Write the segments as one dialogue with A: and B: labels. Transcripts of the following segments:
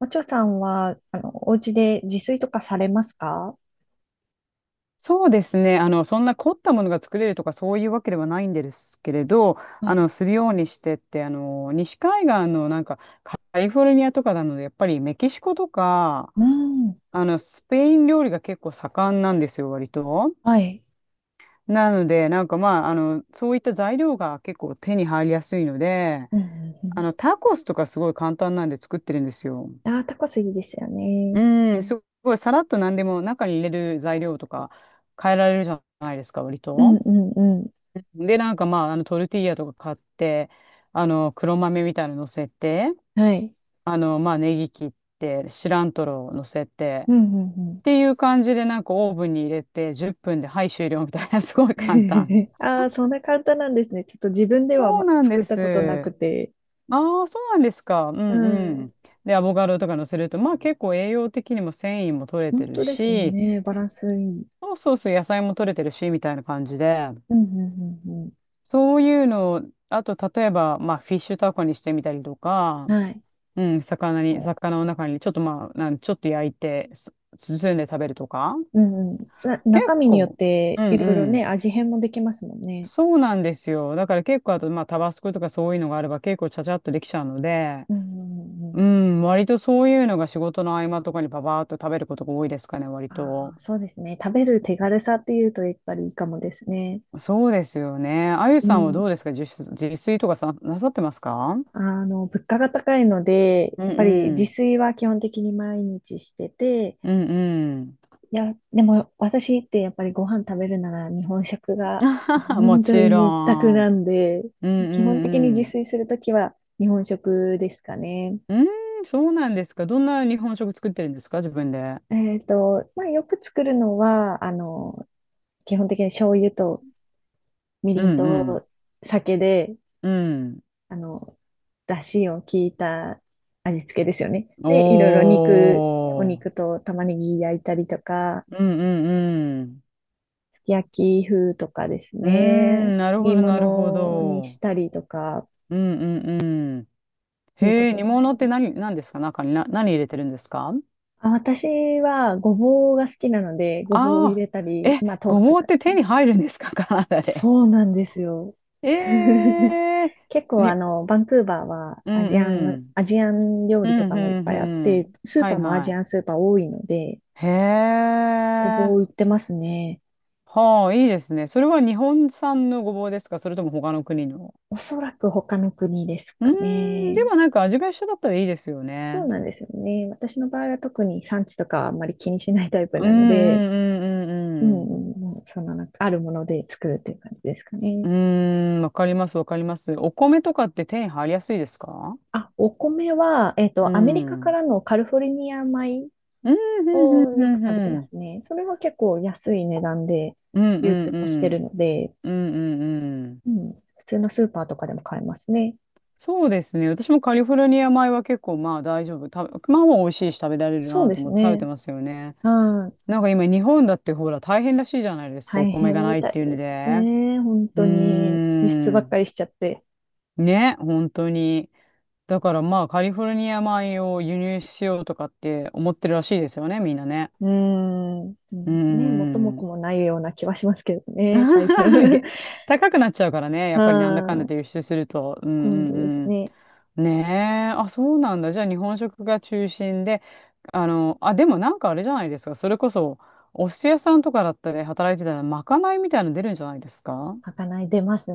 A: おちょさんは、お家で自炊とかされますか？
B: そうですね。そんな凝ったものが作れるとかそういうわけではないんですけれど、
A: はい。
B: するようにしてって、西海岸のなんかカリフォルニアとかなので、やっぱりメキシコとか、
A: うん。
B: スペイン料理が結構盛んなんですよ、割と。
A: はい。
B: なので、なんかまあ、そういった材料が結構手に入りやすいので、
A: うん、うん、うん。
B: タコスとかすごい簡単なんで作ってるんですよ。
A: ああ、タコスいいですよね。
B: うん、すごいさらっと何でも中に入れる材料とか変えられるじゃないですか、割
A: うん
B: と。
A: うんうん。
B: で、なんかまあ、トルティーヤとか買って、黒豆みたいなの乗せて、
A: はい。
B: まあ、ネギ切って、シラントロを乗せて、
A: う
B: っ
A: ん。うん、
B: ていう感じで、なんかオーブンに入れて、10分で、はい、終了みたいな すごい
A: うん、
B: 簡単。
A: ああ、そんな簡単なんですね。ちょっと自分では、
B: そうなん
A: 作っ
B: で
A: たことな
B: す。
A: くて。
B: ああ、そうなんですか。う
A: う
B: んう
A: ん。
B: ん。で、アボカドとか乗せると、まあ結構栄養的にも繊維も取れて
A: 本
B: る
A: 当です
B: し、
A: ね。バランスいい。
B: そうそうそう、野菜も取れてるし、みたいな感じで、
A: うん。うん、うん、う
B: そういうのを、あと、例えば、まあ、フィッシュタコにしてみたりとか、
A: ん。はい。
B: うん、
A: お
B: 魚の中に、ちょっとまあ、ちょっと焼いて、す包んで食べるとか。
A: うんうん。
B: 結
A: 中身によっ
B: 構、う
A: て
B: ん
A: いろい
B: う
A: ろね、
B: ん。
A: 味変もできますもんね。
B: そうなんですよ。だから結構、あと、まあ、タバスコとかそういうのがあれば結構ちゃちゃっとできちゃうので、
A: うん、うん、う
B: う
A: ん。
B: ん、割とそういうのが仕事の合間とかにパパーっと食べることが多いですかね、割
A: あ
B: と。
A: あ、そうですね。食べる手軽さっていうとやっぱりいいかもですね。
B: そうですよね。あゆ
A: う
B: さんはど
A: ん。
B: うですか？自炊とかさ、なさってますか？
A: 物価が高いので、
B: うん
A: やっぱり
B: う
A: 自
B: ん。
A: 炊は基本的に毎日してて、
B: うんうん。
A: いや、でも私ってやっぱりご飯食べるなら日本食が
B: も
A: 本当
B: ち
A: に一択
B: ろ
A: な
B: ん。
A: んで、
B: うん
A: 基本
B: うんう
A: 的に自
B: ん。
A: 炊するときは日本食ですかね。
B: うーん、そうなんですか。どんな日本食作ってるんですか、自分で？
A: まあ、よく作るのは、基本的に醤油とみ
B: う
A: りん
B: んうん。
A: と酒で、
B: うん。
A: あの、出汁を効いた味付けですよね。
B: お
A: で、いろいろお肉
B: ー。
A: と玉ねぎ焼いたりとか、
B: うんうんうん。
A: すき焼き風とかです
B: うー
A: ね。
B: ん、なるほ
A: 煮
B: ど、なるほ
A: 物にし
B: ど。
A: たりとかっ
B: うんうんうん。
A: ていうと
B: へえ、
A: ころ
B: 煮
A: です
B: 物って
A: ね。
B: 何ですか？中に何入れてるんですか？
A: あ、私はごぼうが好きなので、ごぼうを入
B: あ
A: れ
B: あ
A: た
B: ー。
A: り、
B: え、
A: まあ豆
B: ご
A: 腐と
B: ぼうっ
A: かで
B: て
A: す
B: 手
A: ね。
B: に入るんですか、カナダ で？
A: そうなんですよ。
B: え え
A: 結
B: ー。
A: 構
B: に、
A: バンクーバーは
B: うんうん。
A: アジアン料
B: う
A: 理と
B: ん
A: か
B: う
A: もいっ
B: ん
A: ぱいあっ
B: うん。
A: て、スー
B: は
A: パー
B: い
A: もア
B: は
A: ジアン
B: い。
A: スーパー多いので、
B: へ
A: ご
B: え。
A: ぼう売ってますね。
B: はあ、いいですね。それは日本産のごぼうですか？それとも他の国の？
A: おそらく他の国です
B: うー
A: か
B: ん、
A: ね。
B: でもなんか味が一緒だったらいいですよ
A: そう
B: ね。
A: なんですよね。私の場合は特に産地とかはあんまり気にしないタイプ
B: うん
A: な
B: う
A: ので、
B: んう
A: う
B: ん
A: ん
B: う
A: う
B: ん
A: んうん、そのなんかあるもので作るっていう感じですかね。
B: うん。うーん、わかりますわかります。お米とかって手に入りやすいですか？
A: あ、お米は、
B: うん。
A: アメリカ
B: う
A: か
B: ん
A: らのカリフォルニア米
B: うんうん
A: をよ
B: う
A: く
B: ん
A: 食べて
B: う
A: ま
B: ん。
A: すね。それは結構安い値段で
B: うんう
A: 流通
B: ん
A: もして
B: う
A: る
B: ん。
A: ので、
B: うんうんうん。
A: うん、普通のスーパーとかでも買えますね。
B: そうですね。私もカリフォルニア米は結構まあ大丈夫。まあまあ美味しいし食べられる
A: そう
B: な
A: で
B: と
A: す
B: 思って食べて
A: ね。
B: ますよね。
A: はい。
B: なんか今日本だってほら大変らしいじゃないですか、お
A: 大
B: 米が
A: 変
B: な
A: み
B: いっ
A: たい
B: ていう
A: で
B: の
A: す
B: で。
A: ね。本
B: うー
A: 当に輸出ばっ
B: ん。
A: かりしちゃって。
B: ね、本当に。だからまあカリフォルニア米を輸入しようとかって思ってるらしいですよね、みんなね。
A: うーん。う
B: うー
A: んね、元も子
B: ん。
A: もないような気はしますけどね、最初。
B: げ高くなっちゃうからね。や
A: う
B: っぱりなんだかんだ
A: ん。
B: で輸出すると。うんう
A: 本当です
B: ん
A: ね。
B: うん。ねえ。あ、そうなんだ。じゃあ日本食が中心で。あ、でもなんかあれじゃないですか。それこそ、お寿司屋さんとかだったり働いてたら、まかないみたいなの出るんじゃないですか？
A: まかない出ます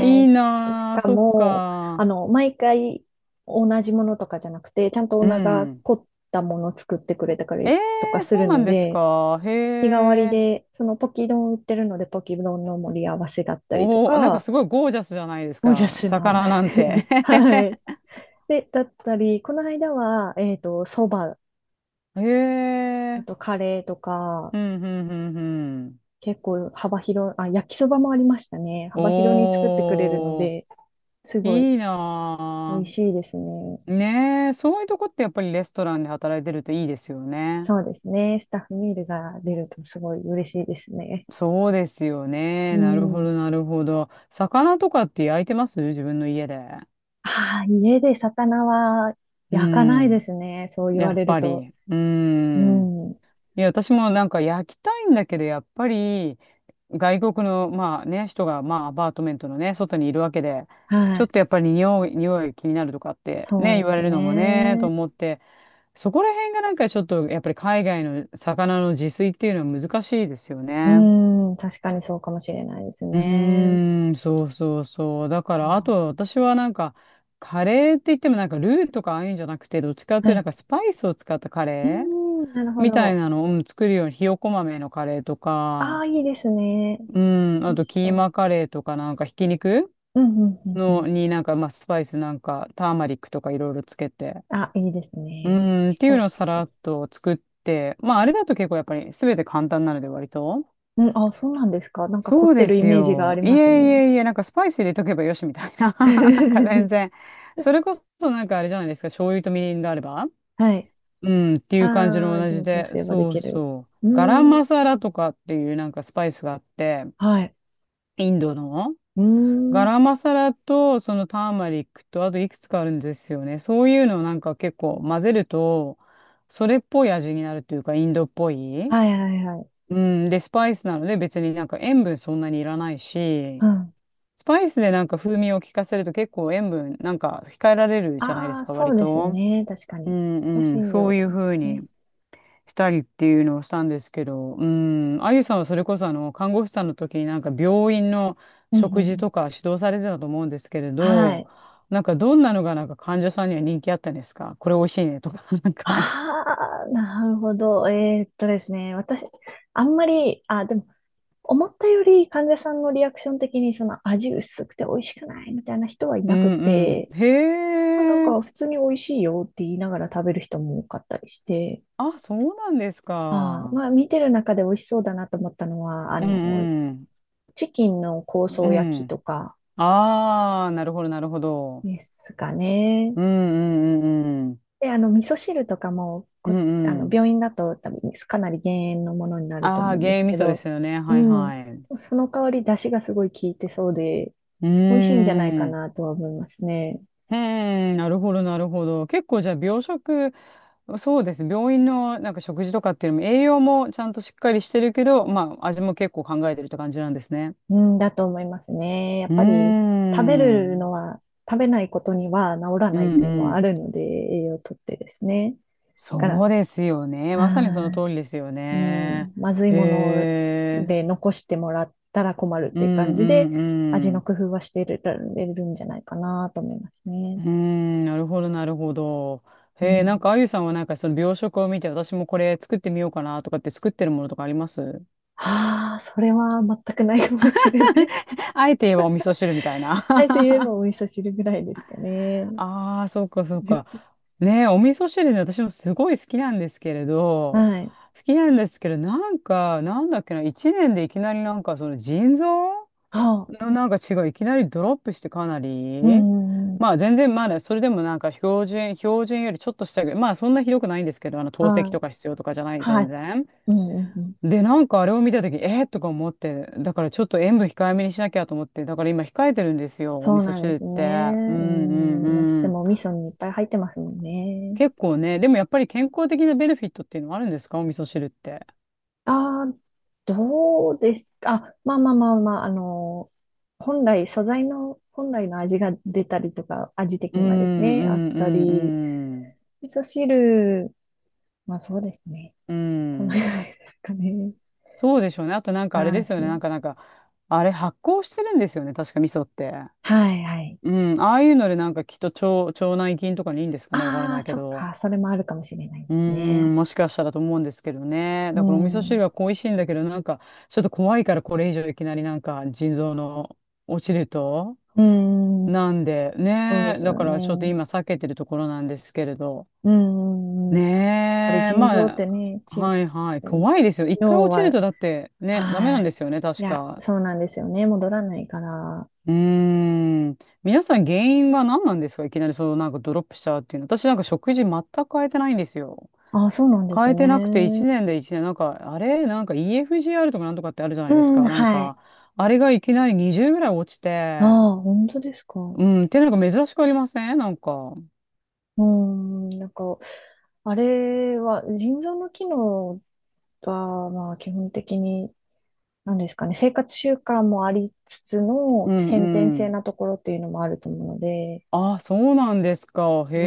B: いい
A: し
B: なあ、
A: か
B: そっ
A: も、
B: か。
A: 毎回同じものとかじゃなくて、ちゃんとオー
B: う
A: ナーが
B: ん。
A: 凝ったものを作ってくれた
B: え
A: りとか
B: え、
A: す
B: そう
A: る
B: な
A: の
B: んです
A: で、
B: か。へ
A: 日替わり
B: え。
A: で、そのポキ丼売ってるので、ポキ丼の盛り合わせだったりと
B: おお、なんか
A: か、
B: すごいゴージャスじゃないです
A: ゴージャ
B: か、
A: スな
B: 魚なんて。
A: はい。で、だったり、この間は、そば、
B: へ
A: あ
B: え。
A: とカレーとか、
B: うん、うん、うん、うん。
A: 結構幅広い、あ、焼きそばもありましたね。幅広に作ってくれるの
B: おー、
A: で、すごい
B: いい
A: 美
B: な
A: 味しいですね。
B: ぁ。ねえ、そういうとこってやっぱりレストランで働いてるといいですよね。
A: そうですね。スタッフミールが出るとすごい嬉しいですね。
B: そうですよ
A: う
B: ね。なるほ
A: ん。
B: ど、なるほど。魚とかって焼いてます、自分の家で？
A: ああ、家で魚は
B: う
A: 焼かないで
B: ん。
A: すね。そう言
B: や
A: わ
B: っ
A: れる
B: ぱ
A: と。
B: り。う
A: う
B: ん。
A: ん。
B: いや、私もなんか焼きたいんだけど、やっぱり外国の、まあね、人が、まあアパートメントのね、外にいるわけで、
A: は
B: ちょっ
A: い。
B: とやっぱり匂い気になるとかって
A: そう
B: ね、言
A: で
B: わ
A: す
B: れるのもね、と
A: ね。
B: 思って、そこら辺がなんかちょっとやっぱり海外の魚の自炊っていうのは難しいですよ
A: う
B: ね。
A: ん。確かにそうかもしれないです
B: う
A: ね。
B: ーん、そうそうそう。だか
A: あ
B: らあ
A: ー。
B: と私はなんかカレーって言ってもなんかルーとかああいうんじゃなくてどっちかっ
A: は
B: ていうとな
A: い。
B: んかスパイスを使ったカ
A: うー
B: レー
A: ん、なるほ
B: みたい
A: ど。
B: なのを、うん、作るようにひよこ豆のカレーと
A: ああ、
B: か、
A: いいですね。
B: うん、あ
A: 美味
B: と
A: し
B: キ
A: そ
B: ー
A: う。
B: マカレーとかなんかひき肉
A: うん、うん、うん、う
B: の
A: ん。
B: になんかまあスパイスなんかターマリックとかいろいろつけて。
A: あ、いいです
B: う
A: ね。
B: ん、っ
A: 結
B: ていうのを
A: 構、
B: さらっと作って、まああれだと結構やっぱり全て簡単なので割と。
A: うん、あ、そうなんですか。なんか凝
B: そ
A: っ
B: う
A: て
B: で
A: るイ
B: す
A: メージがあ
B: よ。
A: り
B: いえい
A: ますね。
B: えいえ、なんかスパイス入れとけばよしみたいな。なんか全 然。それこそなんかあれじゃないですか。醤油とみりんがあれば。
A: はい。
B: うん、ってい
A: あ
B: う感じ
A: あ、
B: の同
A: 味
B: じ
A: の調
B: で。
A: 整はで
B: そう
A: きる。
B: そう。
A: うー
B: ガラム
A: ん、
B: マサラとかっていうなんかスパイスがあって、
A: はい。
B: インドの。
A: うー
B: ガ
A: ん、
B: ラマサラと、そのターマリックと、あといくつかあるんですよね。そういうのをなんか結構混ぜると、それっぽい味になるというか、インドっぽい。
A: はい、はい、はい。
B: うん。で、スパイスなので別になんか塩分そんなにいらない
A: う
B: し、
A: ん。
B: スパイスでなんか風味を効かせると結構塩分なんか控えられるじゃないで
A: あ
B: す
A: あ、
B: か、
A: そ
B: 割
A: うです
B: と。
A: ね。確か
B: う
A: に。香
B: んうん。
A: 辛
B: そ
A: 料
B: ういう
A: で
B: 風に。
A: ね。
B: したりっていうのをしたんですけど、うん、あゆさんはそれこそあの看護師さんの時になんか病院の
A: うん、うん、う
B: 食事
A: ん。
B: とか指導されてたと思うんですけれ
A: は
B: ど、
A: い。
B: なんかどんなのがなんか患者さんには人気あったんですか？これ美味しいねとか、なんか。
A: ああ、なるほど。ですね。私、あんまり、あ、でも、思ったより患者さんのリアクション的にその味薄くて美味しくないみたいな人はい
B: う
A: なく
B: んう
A: て、
B: ん。へ
A: まあなん
B: え。
A: か普通に美味しいよって言いながら食べる人も多かったりして、
B: あ、そうなんです
A: ああ、
B: か。
A: まあ見てる中で美味しそうだなと思ったのは、
B: うんうん。
A: チキンの香草
B: う
A: 焼き
B: ん。
A: とか
B: ああ、なるほど、なるほど。
A: ですかね。
B: うんうんうんうん。
A: で、味噌汁とかも、
B: うんうん。
A: 病院だと多分かなり減塩のものになると
B: あ
A: 思
B: あ、
A: うんで
B: 原
A: す
B: 味味
A: け
B: 噌で
A: ど、
B: すよね。
A: う
B: はい
A: ん、
B: はい。う
A: その代わり出汁がすごい効いてそうで、
B: ー
A: 美味しいんじゃないか
B: ん。
A: なとは思いますね。
B: うーん、なるほど、なるほど。結構じゃあ、病食、そうです。病院のなんか食事とかっていうのも、栄養もちゃんとしっかりしてるけど、まあ、味も結構考えてるって感じなんですね。
A: うん、だと思いますね。やっ
B: うー
A: ぱり食べる
B: ん。
A: のは、食べないことには治ら
B: う
A: ないっ
B: ん
A: て
B: う
A: いうのはあ
B: ん。
A: るので、栄養をとってですね。だか
B: そ
A: ら、
B: うですよね。まさにその
A: あー、
B: 通りですよ
A: う
B: ね。
A: ん、まずい
B: へ
A: もの
B: え。
A: で残してもらったら困るっ
B: う
A: ていう
B: ん
A: 感
B: う
A: じで、
B: ん
A: 味
B: う
A: の
B: ん。
A: 工夫はしてる、れるんじゃないかなと思います
B: う
A: ね。
B: ーん、なるほど、なるほど。
A: う
B: へえ、なん
A: ん。
B: かあゆさんはなんかその病食を見て、私もこれ作ってみようかなとかって作ってるものとかあります？
A: ああ、それは全くないかもしれない。
B: あえて言えばお味噌汁みたいな。
A: あえて言えばお味噌汁ぐらいですかね。
B: ああ、そうか、そうか。ね、お味噌汁ね、私もすごい好きなんですけれど、
A: はい。
B: 好きなんですけど、なんか、なんだっけな、一年でいきなりなんか、その腎臓
A: はあ、
B: のなんか血がいきなりドロップしてかな
A: う
B: り、
A: ん、うんうん、
B: まあ全然まだそれでもなんか標準よりちょっとしたぐらい、まあそんなひどくないんですけど、あの透析
A: はい。
B: とか必要とかじゃない、
A: は
B: 全
A: い。
B: 然。
A: うん、うん、うん。
B: で、なんかあれを見たとき、えー、とか思って、だからちょっと塩分控えめにしなきゃと思って、だから今控えてるんですよ、お
A: そ
B: 味
A: う
B: 噌
A: なん
B: 汁
A: で
B: っ
A: す
B: て。うん
A: ね。う
B: うん
A: ん、どうして
B: うん。
A: もお味噌にいっぱい入ってますもんね。
B: 結構ね、でもやっぱり健康的なベネフィットっていうのはあるんですか、お味噌汁って？
A: ああ、どうですか。あ、まあまあまあまあ、本来、素材の、本来の味が出たりとか、味的
B: うん、
A: に
B: う
A: はですね、あっ
B: ん、う
A: た
B: ん、
A: り、
B: うん。
A: 味噌汁、まあそうですね。
B: う
A: そのぐ
B: ん。
A: らいですかね。
B: そうでしょうね。あとなんか
A: バ
B: あれ
A: ラ
B: で
A: ン
B: すよ
A: ス。
B: ね。なんか、あれ発酵してるんですよね。確か味噌って。
A: はいはい。
B: うん。ああいうのでなんかきっと腸内菌とかにいいんですかね。わからな
A: あ
B: い
A: あ、
B: け
A: そっ
B: ど。
A: か。それもあるかもしれないで
B: う
A: すね。
B: ん。もしかしたらと思うんですけどね。
A: う
B: だからお味噌汁
A: ん。
B: は恋しいんだけど、なんかちょっと怖いから、これ以上いきなりなんか腎臓の落ちると、
A: うん。
B: なんで、
A: そうで
B: ねえ、
A: す
B: だ
A: よ
B: からちょっと
A: ね。
B: 今避けてるところなんですけれど。
A: うんうんうん。やっぱり
B: ねえ、
A: 腎臓って
B: ま
A: ね、
B: あ、はいはい、怖いですよ。一回
A: 脳
B: 落ちる
A: は、
B: とだってね、ダメ
A: は
B: なんで
A: い。
B: すよね、
A: い
B: 確
A: や、
B: か。
A: そうなんですよね。戻らないから。
B: うーん。皆さん原因は何なんですか、いきなりそう、なんかドロップしちゃうっていうの？私なんか食事全く変えてないんですよ。
A: あ、そうなんです
B: 変えてなくて
A: ね。
B: 1年、なんか、あれなんか EFGR とかなんとかってあるじゃな
A: う
B: いですか。
A: ん、
B: なん
A: はい。
B: か、あれがいきなり20ぐらい落ち
A: あ
B: て、
A: あ、本当ですか。
B: うん、ってなんか珍しくありませんなんか？
A: うん、なんか、あれは、腎臓の機能は、まあ、基本的に、なんですかね、生活習慣もありつつ
B: う
A: の、
B: ん
A: 先天
B: う
A: 性
B: ん。
A: なところっていうのもあると思うので、
B: あ、そうなんですか。へ
A: う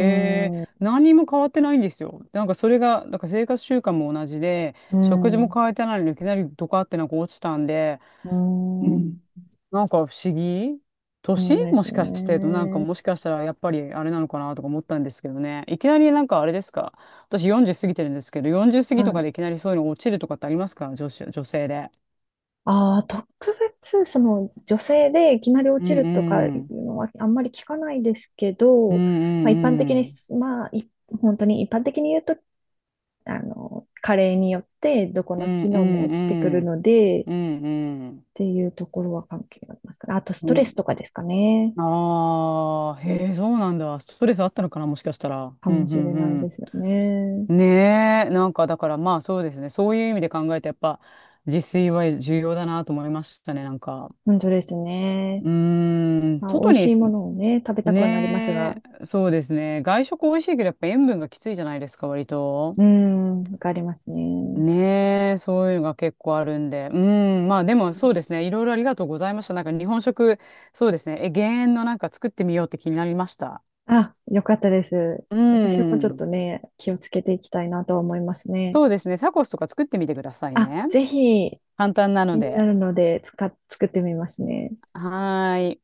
B: え。
A: ん、う
B: 何にも変わってないんですよ。なんかそれが、なんか生活習慣も同じで、
A: ん、
B: 食事も変えてないのにいきなりドカってなんか落ちたんで、
A: う
B: う
A: ん。
B: ん。なんか不思議、
A: そう
B: 年
A: んで
B: も
A: す
B: しかして、なんか
A: ね。
B: もしかしたらやっぱりあれなのかなとか思ったんですけどね。いきなりなんかあれですか？私40過ぎてるんですけど、40過ぎと
A: は
B: か
A: い。
B: でいきなりそういうの落ちるとかってありますか、女性で。
A: ああ、特別、女性でいきなり落
B: う
A: ちる
B: ん
A: とかい
B: うん。
A: うのはあんまり聞かないですけ
B: う
A: ど、
B: ん
A: まあ、
B: うん
A: 一般的
B: う
A: に、
B: ん。
A: まあ、本当に一般的に言うと、加齢によってどこ
B: う
A: の
B: ん
A: 機
B: う
A: 能も
B: んう
A: 落ちてくる
B: ん。
A: ので、っ
B: うんうん。
A: ていうところは関係ありますから、あとス
B: う
A: トレ
B: ん。
A: スとかですかね。
B: ああ、へえ、そうなんだ。ストレスあったのかな、もしかしたら。
A: か
B: う
A: も
B: ん、う
A: しれないで
B: ん、
A: すよね。
B: うん。ねえ、なんかだからまあそうですね。そういう意味で考えて、やっぱ自炊は重要だなと思いましたね、なんか。
A: 本当です
B: う
A: ね。
B: ーん、
A: まあ、美
B: 外
A: 味し
B: に、
A: いものをね、食べたくはなります
B: ね
A: が、
B: え、そうですね。外食美味しいけど、やっぱ塩分がきついじゃないですか、割と。
A: うーん、わかりますね。
B: ねえ、そういうのが結構あるんで。うん、まあでもそうですね。いろいろありがとうございました。なんか日本食、そうですね。え、減塩のなんか作ってみようって気になりました。
A: あ、よかったです。
B: う
A: 私もちょっ
B: ん。
A: とね、気をつけていきたいなと思いますね。
B: そうですね。タコスとか作ってみてください
A: あ、
B: ね。
A: ぜひ
B: 簡単な
A: 気
B: の
A: にな
B: で。
A: るので作ってみますね。
B: はーい。